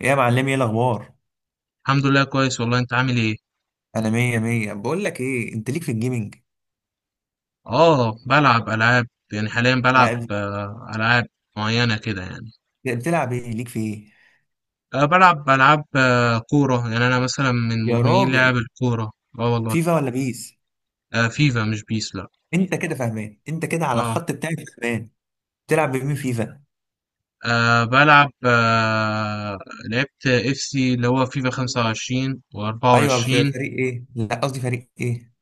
يا معلم، ايه الاخبار؟ الحمد لله كويس والله، انت عامل ايه؟ انا مية مية. بقول لك ايه، انت ليك في الجيمنج؟ اه بلعب العاب. يعني حاليا بلعب لا، العاب معينه كده يعني. بتلعب ايه؟ ليك في ايه أه بلعب العاب كوره، يعني انا مثلا من يا مدمنين لعب راجل؟ الكوره. اه والله. فيفا ولا بيس؟ أه، فيفا مش بيس، لا. انت كده فاهمان، انت كده على اه. الخط بتاعي. فاهمان. بتلعب بمين فيفا؟ أه بلعب. لعبت اف سي اللي هو فيفا 25 ايوه، في و24. فريق ايه؟ لا قصدي فريق ايه؟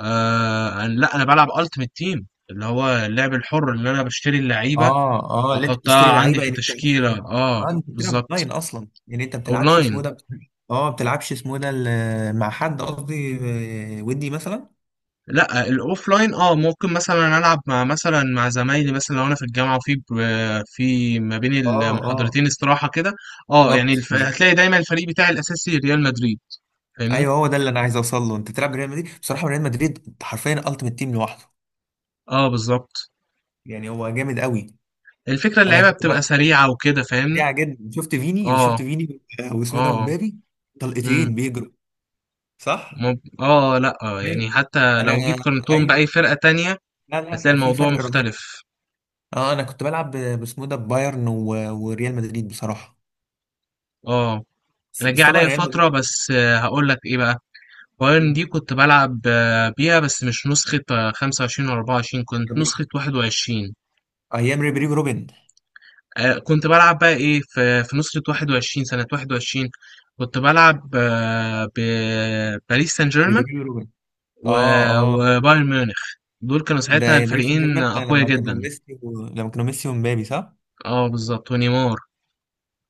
أه، لا انا بلعب التيمت تيم اللي هو اللعب الحر اللي انا بشتري اللعيبه اه اه، اللي انت بتشتري واحطها عندي لعيبه في يعني انت. تشكيله. اه اه، انت بتلعب بالظبط. اونلاين اصلا يعني؟ انت بتلعبش اونلاين. اسمه ده؟ اه، بتلعبش اسمه ده مع حد قصدي، آه، ودي مثلا. لا الاوفلاين، اه ممكن مثلا العب مع مثلا مع زمايلي، مثلا لو انا في الجامعه وفي ب- في ما بين اه اه، المحاضرتين استراحه كده. اه يعني بالظبط. هتلاقي دايما الفريق بتاعي الاساسي ريال مدريد. فاهمني. ايوه، هو ده اللي انا عايز اوصل له. انت تلعب ريال مدريد، بصراحه ريال مدريد حرفيا التيمت تيم لوحده. اه بالظبط. يعني هو جامد قوي. الفكره انا اللعيبه كنت بتبقى بلعب سريعه وكده، فاهمني. سريع جدا. شفت فيني، اه. شفت فيني. واسمه ده اه. مبابي. امم. طلقتين بيجروا. صح. مب... اه لا آه، ايوه. يعني حتى انا، لو جيت قارنتهم ايوه. باي فرقه تانية لا هتلاقي لا، في الموضوع فرق رهيب. مختلف. اه، انا كنت بلعب باسمه ده بايرن وريال مدريد بصراحه. اه بس انا بس جه طبعا عليا ريال مدريد. فتره بس، هقول لك ايه بقى. وان دي كنت بلعب بيها، بس مش نسخة 25 و 24، كنت نسخة 21. ايام ريبيري روبن. آه، كنت بلعب بقى ايه في نسخة 21 سنة 21. كنت بلعب بباريس سان جيرمان ريبيري روبن. اه و- اه. وبايرن ميونخ. دول كانوا ساعتها ده باريس سان الفريقين جيرمان أقوياء لما كانوا جدا. ميسي و... لما كانوا ميسي ومبابي، صح. اه بالظبط، ونيمار.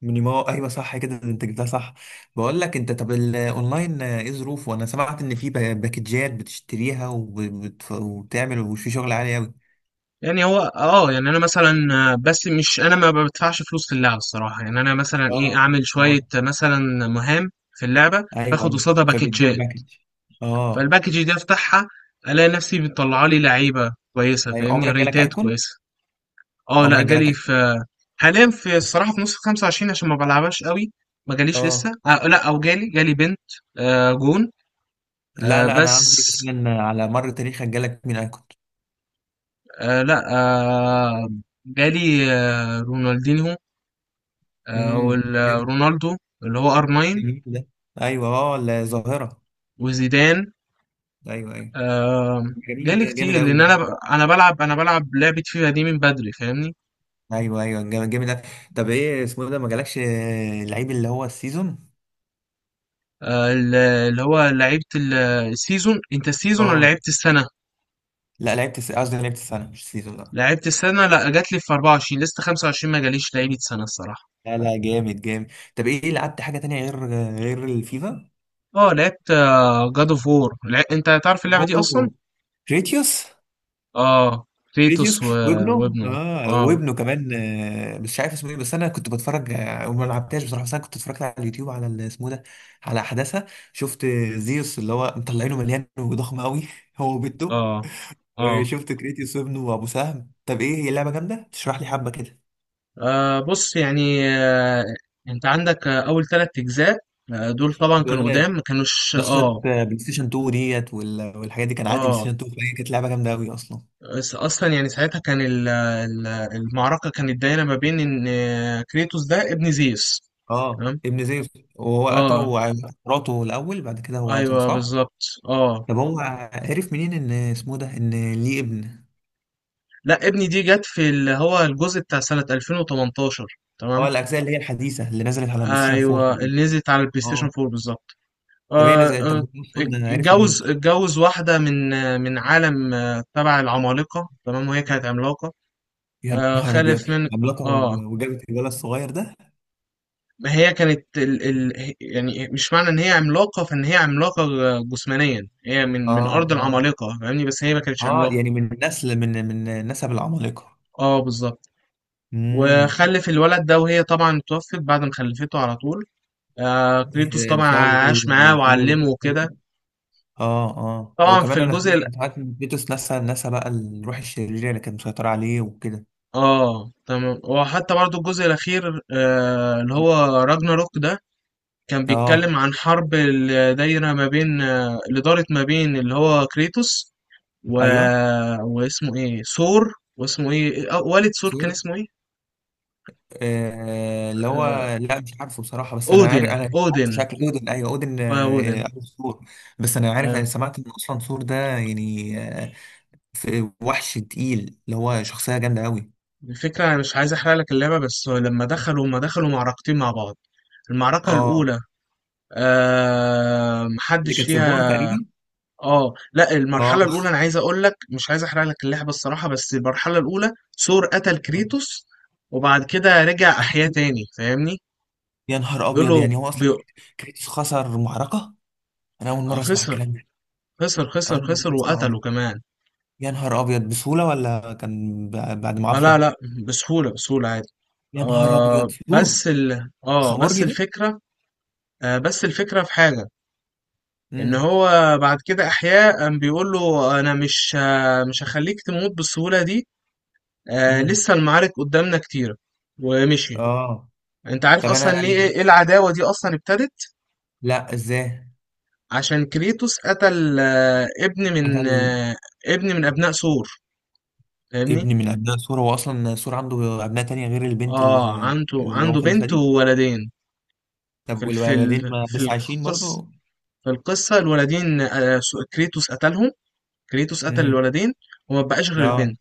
مينيمو، ايوه صح كده، انت جبتها صح. بقول لك انت، طب الاونلاين ايه ظروفه؟ انا سمعت ان في باكجات بتشتريها وبت- وبتعمل، وفي شغل عالي قوي. يعني هو اه، يعني انا مثلا آه، بس مش انا ما بدفعش فلوس في اللعبة الصراحة. يعني انا مثلا اه ايه، اعمل اه. شوية مثلا مهام في اللعبة، ايوه باخد ايوه. قصادها فبيدوك باكيتشات. باكج. اه. فالباكج دي افتحها، الاقي نفسي بتطلع لي لعيبه كويسه، ايوه، فاهمني، عمرك جالك ريتات ايكون؟ كويسه. اه لا، عمرك جالك جالي ايكون؟ في. حاليا في الصراحه في نص 25، عشان ما بلعبهاش قوي. ما جاليش لسه، اه آه لا او جالي، جالي بنت، آه جون. لا، آه لا انا بس. قصدي مثلا على مر تاريخك جالك مين ايكون؟ آه لا آه جالي آه رونالدينهو، آه امم. والرونالدو اللي هو ار 9، جميل ده. ايوه، اه الظاهره. وزيدان. ايوه ايوه. آه. جميل جالي ده، جامد كتير لان قوي. انا بلعب لعبه فيفا دي من بدري، فاهمني. ايوه ايوه، جامد جامد أوي. طب ايه اسمه ده ما جالكش؟ لعيب اللي هو السيزون. اللي هو لعيبة السيزون، انت السيزون ولا اه. لعيبة السنة؟ لا لعبت قصدي لعبت السنه مش السيزون، لا. لعيبة السنة لا، جات لي في 24، لسه 25 ما جاليش لعيبة سنة الصراحة. لا لا، جامد جامد. طب ايه، لعبت حاجه تانية غير غير الفيفا؟ اه لعبت جاد اوف وور. انت تعرف اللعبة دي اصلا؟ اوه، كريتيوس. اه فيتوس كريتيوس وابنه. وابنه. اه، اه. وابنه كمان. مش عارف اسمه ايه، بس انا كنت بتفرج، وما لعبتهاش بصراحه. بس انا كنت اتفرجت على اليوتيوب على اسمه ده، على احداثها. شفت زيوس اللي هو مطلعينه مليان وضخم قوي هو وبنته. اه. اه. وشفت كريتيوس وابنه وابو سهم. طب ايه، هي اللعبه جامده؟ تشرح لي حبه كده. بص يعني، انت عندك اول 3 اجزاء. دول طبعا كانوا بيقول قدام لي ما كانوش، نسخه اه. بلاي ستيشن 2 ديت والحاجات دي، كان عندي بلاي اه، ستيشن 2، فهي كانت لعبه جامده قوي اصلا. بس اصلا يعني ساعتها كان المعركه كانت دايره ما بين ان كريتوس ده ابن زيوس. اه، تمام. ابن زيوس. وهو اه قتله مراته الاول، بعد كده هو قتله، ايوه صح؟ بالظبط. اه طب هو عرف منين ان اسمه ده، ان ليه ابن؟ لا، ابني دي جت في اللي هو الجزء بتاع سنه 2018. تمام. اه، الاجزاء اللي هي الحديثه اللي نزلت على بلاي ستيشن 4 ايوه تقريبا. اللي نزلت على البلاي ستيشن اه. 4 بالظبط. طب هي آه نزلت، طب آه. هو اصلا عرف منين؟ اتجوز، اتجوز واحده من من عالم تبع العمالقه، تمام، وهي كانت عملاقه. يا آه نهار ابيض. خلف من. عملاقه اه. وجابت الولد الصغير ده. ما هي كانت يعني مش معنى ان هي عملاقه فان هي عملاقه جسمانيا. هي من اه ارض اه. العمالقه، فاهمني، بس هي ما كانتش اه، عملاقه. يعني من نسل، من من نسب العمالقة. اه بالظبط. امم. وخلف الولد ده، وهي طبعا توفت بعد ما خلفته على طول. آه كريتوس طبعا بسبب عاش معاه بسبب وعلمه اللي وكده. حصل. اه اه، طبعا في وكمان انا سمعت، انت عارف ان فيتوس نسى، بقى الروح الشريرة اللي كانت مسيطرة عليه وكده. اه تمام. وحتى برضو الجزء الاخير آه اللي هو راجناروك ده كان اه، بيتكلم عن حرب اللي دايره ما بين اللي دارت ما بين اللي هو كريتوس و... ايوه. واسمه ايه ثور، واسمه ايه والد ثور سور. كان اسمه ايه. آه اللي هو. آه، لا، مش عارفه بصراحة، بس انا اودن. عارف، انا مش عارف اودن. شكل اودن. ايوه اودن، آه اودن. أبو سور. بس انا عارف، آه. انا سمعت ان اصلا سور ده يعني آه، في وحش تقيل، اللي هو شخصية جامدة قوي. الفكرة انا مش عايز احرق لك اللعبة، بس لما دخلوا ما دخلوا معركتين مع بعض، المعركة اه، الأولى اللي محدش كانت في البار فيها. تقريبا. اه لا، اه. المرحلة الأولى أنا عايز أقول لك، مش عايز أحرق لك اللعبة الصراحة، بس المرحلة الأولى ثور قتل كريتوس. وبعد كده رجع أحياه تاني، فاهمني؟ يا نهار بيقول ابيض، له يعني هو بي... اصلا كريتوس خسر معركه؟ انا اول آه، مره اسمع خسر الكلام ده. خسر خسر اول خسر مره اسمعه ده. وقتله كمان. يا نهار ابيض، بسهوله ولا كان بعد اه لا معافره؟ لا، بسهولة بسهولة عادي. يا نهار آه ابيض، يور بس ال اه بس خمورجي ده. الفكرة آه بس الفكرة في حاجة، ان امم. هو بعد كده احياء، قام بيقول له انا مش مش هخليك تموت بالسهولة دي. آه امم. لسه المعارك قدامنا كتيرة. ومشي. اه. انت عارف طب اصلا انا، ليه، إيه العداوة دي اصلا ابتدت؟ لا ازاي؟ عشان كريتوس قتل قتل؟ ابن من ابناء ثور، فاهمني. ابن من ابناء سور؟ هو اصلا سور عنده ابناء تانية غير البنت اه اللي، عنده اللي هو عنده مخلفها بنت دي؟ وولدين. في طب والولدين ما في لسه عايشين القصة، برضه؟ في القصة الولدين كريتوس قتلهم. كريتوس قتل امم. الولدين. وما بقاش غير اه. البنت.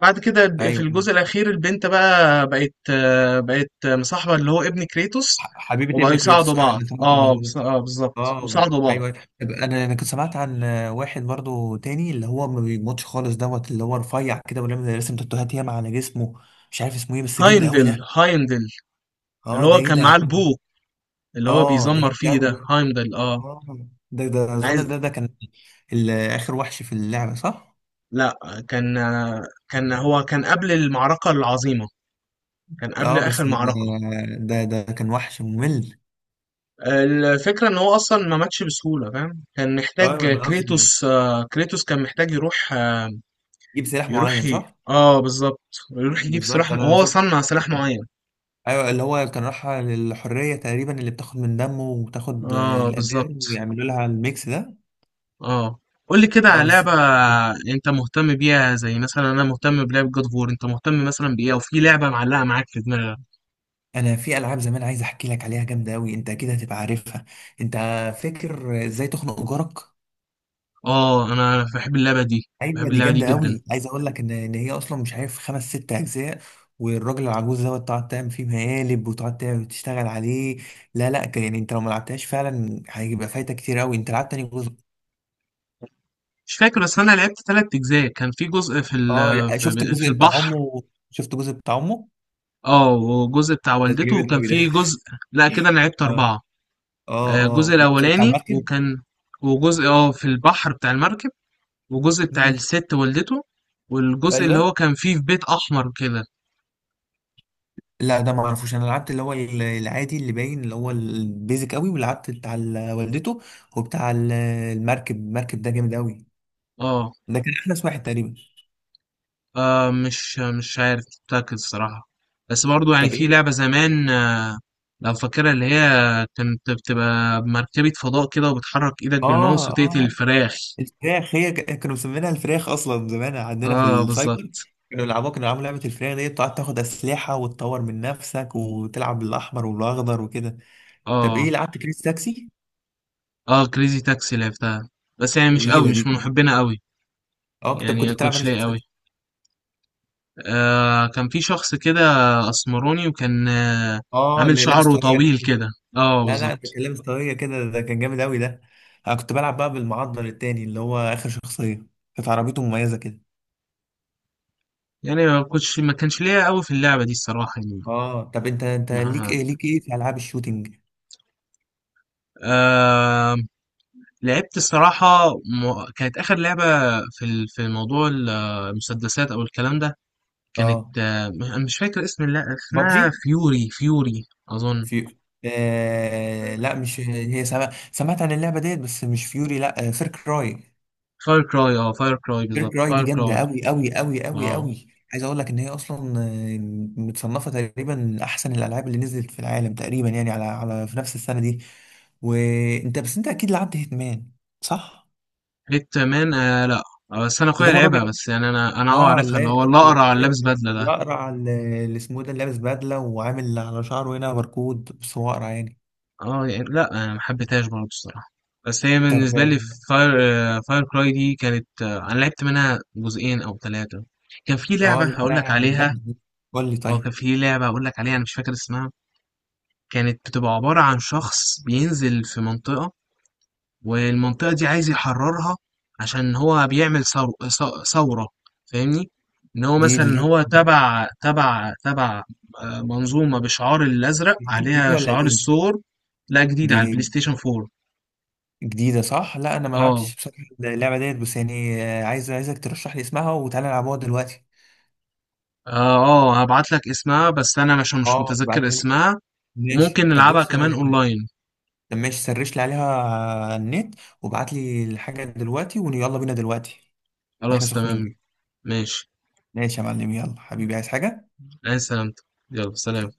بعد كده في ايوه، الجزء الأخير البنت بقى بقت آه، بقت مصاحبة اللي هو ابن كريتوس. حبيبه وبقوا ابن يساعدوا كريتوس، أيوة، بعض. أنا فهمت الموضوع ده. بالظبط، اه يساعدوا بعض. ايوه. انا انا كنت سمعت عن واحد برضو تاني، اللي هو ما بيموتش خالص دوت، اللي هو رفيع كده ولما رسم تاتوهات ياما على جسمه. مش عارف اسمه ايه بس جامد قوي هايمدل. ده. هايمدل، اللي اه، ده هو ايه كان ده يا معاه عم؟ البو اللي هو اه، ده بيزمر فيه جامد ده، قوي ده. هايمدل. اه. اه، ده اظن عايز. ده كان اخر وحش في اللعبه، صح؟ لا، كان كان هو كان قبل المعركة العظيمة، كان قبل اه بس آخر ده، معركة. ده كان وحش ممل. الفكرة ان هو اصلا ما ماتش بسهولة، فاهم. كان محتاج اه انا قصدي كريتوس، كريتوس كان محتاج يروح، يجيب سلاح معين، صح؟ اه بالظبط. يروح يجيب سلاح بالظبط انا هو شفت. صنع سلاح معين. ايوه، اللي هو كان رايحة للحرية تقريبا، اللي بتاخد من دمه وبتاخد اه الأداء، بالظبط. ويعملوا لها الميكس ده. اه. قول لي كده اه على بس. لعبة انت مهتم بيها، زي مثلا انا مهتم بلعبة جاد فور. انت مهتم مثلا بايه، او في لعبة معلقة معاك في دماغك؟ انا في العاب زمان عايز احكي لك عليها، جامدة قوي، انت اكيد هتبقى عارفها. انت فاكر ازاي تخنق جارك؟ اه انا بحب اللعبة دي، ايوه بحب دي اللعبة دي جامدة جدا. قوي. عايز اقول لك ان ان هي اصلا مش عارف خمس ست اجزاء، والراجل العجوز دوت تقعد تعمل فيه مقالب وتقعد تعمل تشتغل عليه. لا لا، يعني انت لو ما لعبتهاش فعلا هيبقى فايتك كتير قوي. انت لعبت تاني جزء؟ مش فاكر، بس انا لعبت 3 اجزاء. كان في جزء في اه، شفت الجزء بتاع البحر. امه. شفت الجزء بتاع امه. اه، وجزء بتاع ده والدته، جامد وكان قوي ده. فيه جزء. لا، كده انا لعبت اه اربعة. اه، اه الجزء والجزء بتاع الاولاني، المركب. وكان وجزء اه في البحر بتاع المركب، وجزء بتاع امم. الست والدته، والجزء اللي ايوه. هو كان فيه في بيت احمر كده. لا ده ما اعرفوش. انا لعبت اللي هو العادي اللي باين اللي هو البيزك قوي، ولعبت بتاع والدته، وبتاع المركب. المركب ده جامد قوي. اه. ده كان احدث واحد تقريبا. مش عارف متأكد الصراحة. بس برضو يعني طب في ايه؟ لعبة زمان، لو فاكرها اللي هي كانت بتبقى مركبة فضاء كده، وبتحرك ايدك اه بالماوس وتقتل اه. الفراخ. الفراخ، هي كانوا مسمينها الفراخ اصلا زمان عندنا في اه بالظبط. السايبر. كانوا يلعبوها، كانوا يلعبوا لعبه الفراخ دي، بتقعد تاخد اسلحه وتطور من نفسك وتلعب بالاحمر والاخضر وكده. طب ايه، اه. لعبت كريس تاكسي؟ آه، كريزي تاكسي لعبتها، بس يعني مش قوي، جميله دي. مش من محبينها قوي. اه، كنت يعني كنت ما بتلعب انا كنتش ليا شخصية، قوي. آه، كان في شخص كده اسمراني، وكان اه، عامل اللي لابس شعره طاقية. طويل كده. اه لا لا، ده بالظبط. كان لابس طاقية كده، ده كان جامد قوي ده. انا كنت بلعب بقى بالمعضل التاني، اللي هو اخر شخصية. كانت عربيته مميزة كده. يعني ما كنتش، ما كانش ليا قوي في اللعبة دي الصراحة يعني. اه، طب انت، انت ليك ما ايه، ليك ايه في العاب الشوتينج؟ آه لعبت الصراحة كانت آخر لعبة في في موضوع المسدسات أو الكلام ده. كانت اه، أنا مش فاكر اسم اللعبة. اسمها بابجي. فيوري، فيوري أظن. في آه لا، مش هي. سمع... سمعت عن اللعبة ديت، بس مش فيوري لا، فير كراي. فاير كراي، اه فاير كراي بالظبط، كيرك راي دي فاير جامده كراي. قوي قوي قوي قوي اه قوي. عايز اقول لك ان هي اصلا، متصنفه تقريبا من احسن الالعاب اللي نزلت في العالم تقريبا، يعني على على في نفس السنه دي. وانت بس، انت اكيد لعبت هيتمان، صح؟ بيت مان. آه لا، بس انا اللي اخويا هو لعبها، الراجل. بس يعني انا اه عارفها، لا، اللي هو الاقرع اللي لابس الراجل بدله ده. الاقرع اللي، اللي اسمه إيه ده، اللي لابس بدله وعامل على شعره هنا بركود بس هو اقرع يعني. اه يعني لا، انا ما حبيتهاش برضه الصراحه، بس هي طب، بالنسبه لي. فاير فاير كراي دي كانت، انا لعبت منها جزئين او ثلاثه. كان في لعبه اه لا لا هقول لك لا، عليها. جامده دي. قول لي اه طيب. كان في لعبه هقول لك عليها، انا مش فاكر اسمها. كانت بتبقى عباره عن شخص بينزل في منطقه، والمنطقة دي عايز يحررها عشان هو بيعمل ثورة، فاهمني. ان هو دي دي مثلا لعبه هو تبع منظومة بشعار الازرق، جديده عليها ولا شعار قديمه؟ الثور. لا، جديد دي على البلاي ستيشن 4. جديدة، صح؟ لا أنا ما اه لعبتش بصراحة اللعبة ديت، بس يعني عايز عايزك ترشح لي اسمها وتعالى نلعبوها دلوقتي. اه هبعت لك اسمها، بس انا مش اه، متذكر ابعتها لي. اسمها. ماشي، وممكن طب نلعبها بص كمان اونلاين. طب ماشي، سرش لي عليها على النت وابعت لي الحاجة دلوقتي ويلا بينا دلوقتي. واحنا خلاص تمام. سخنين. ماشي. ماشي يا معلم، يلا حبيبي، عايز حاجة؟ انا سلامتك. يلا سلام.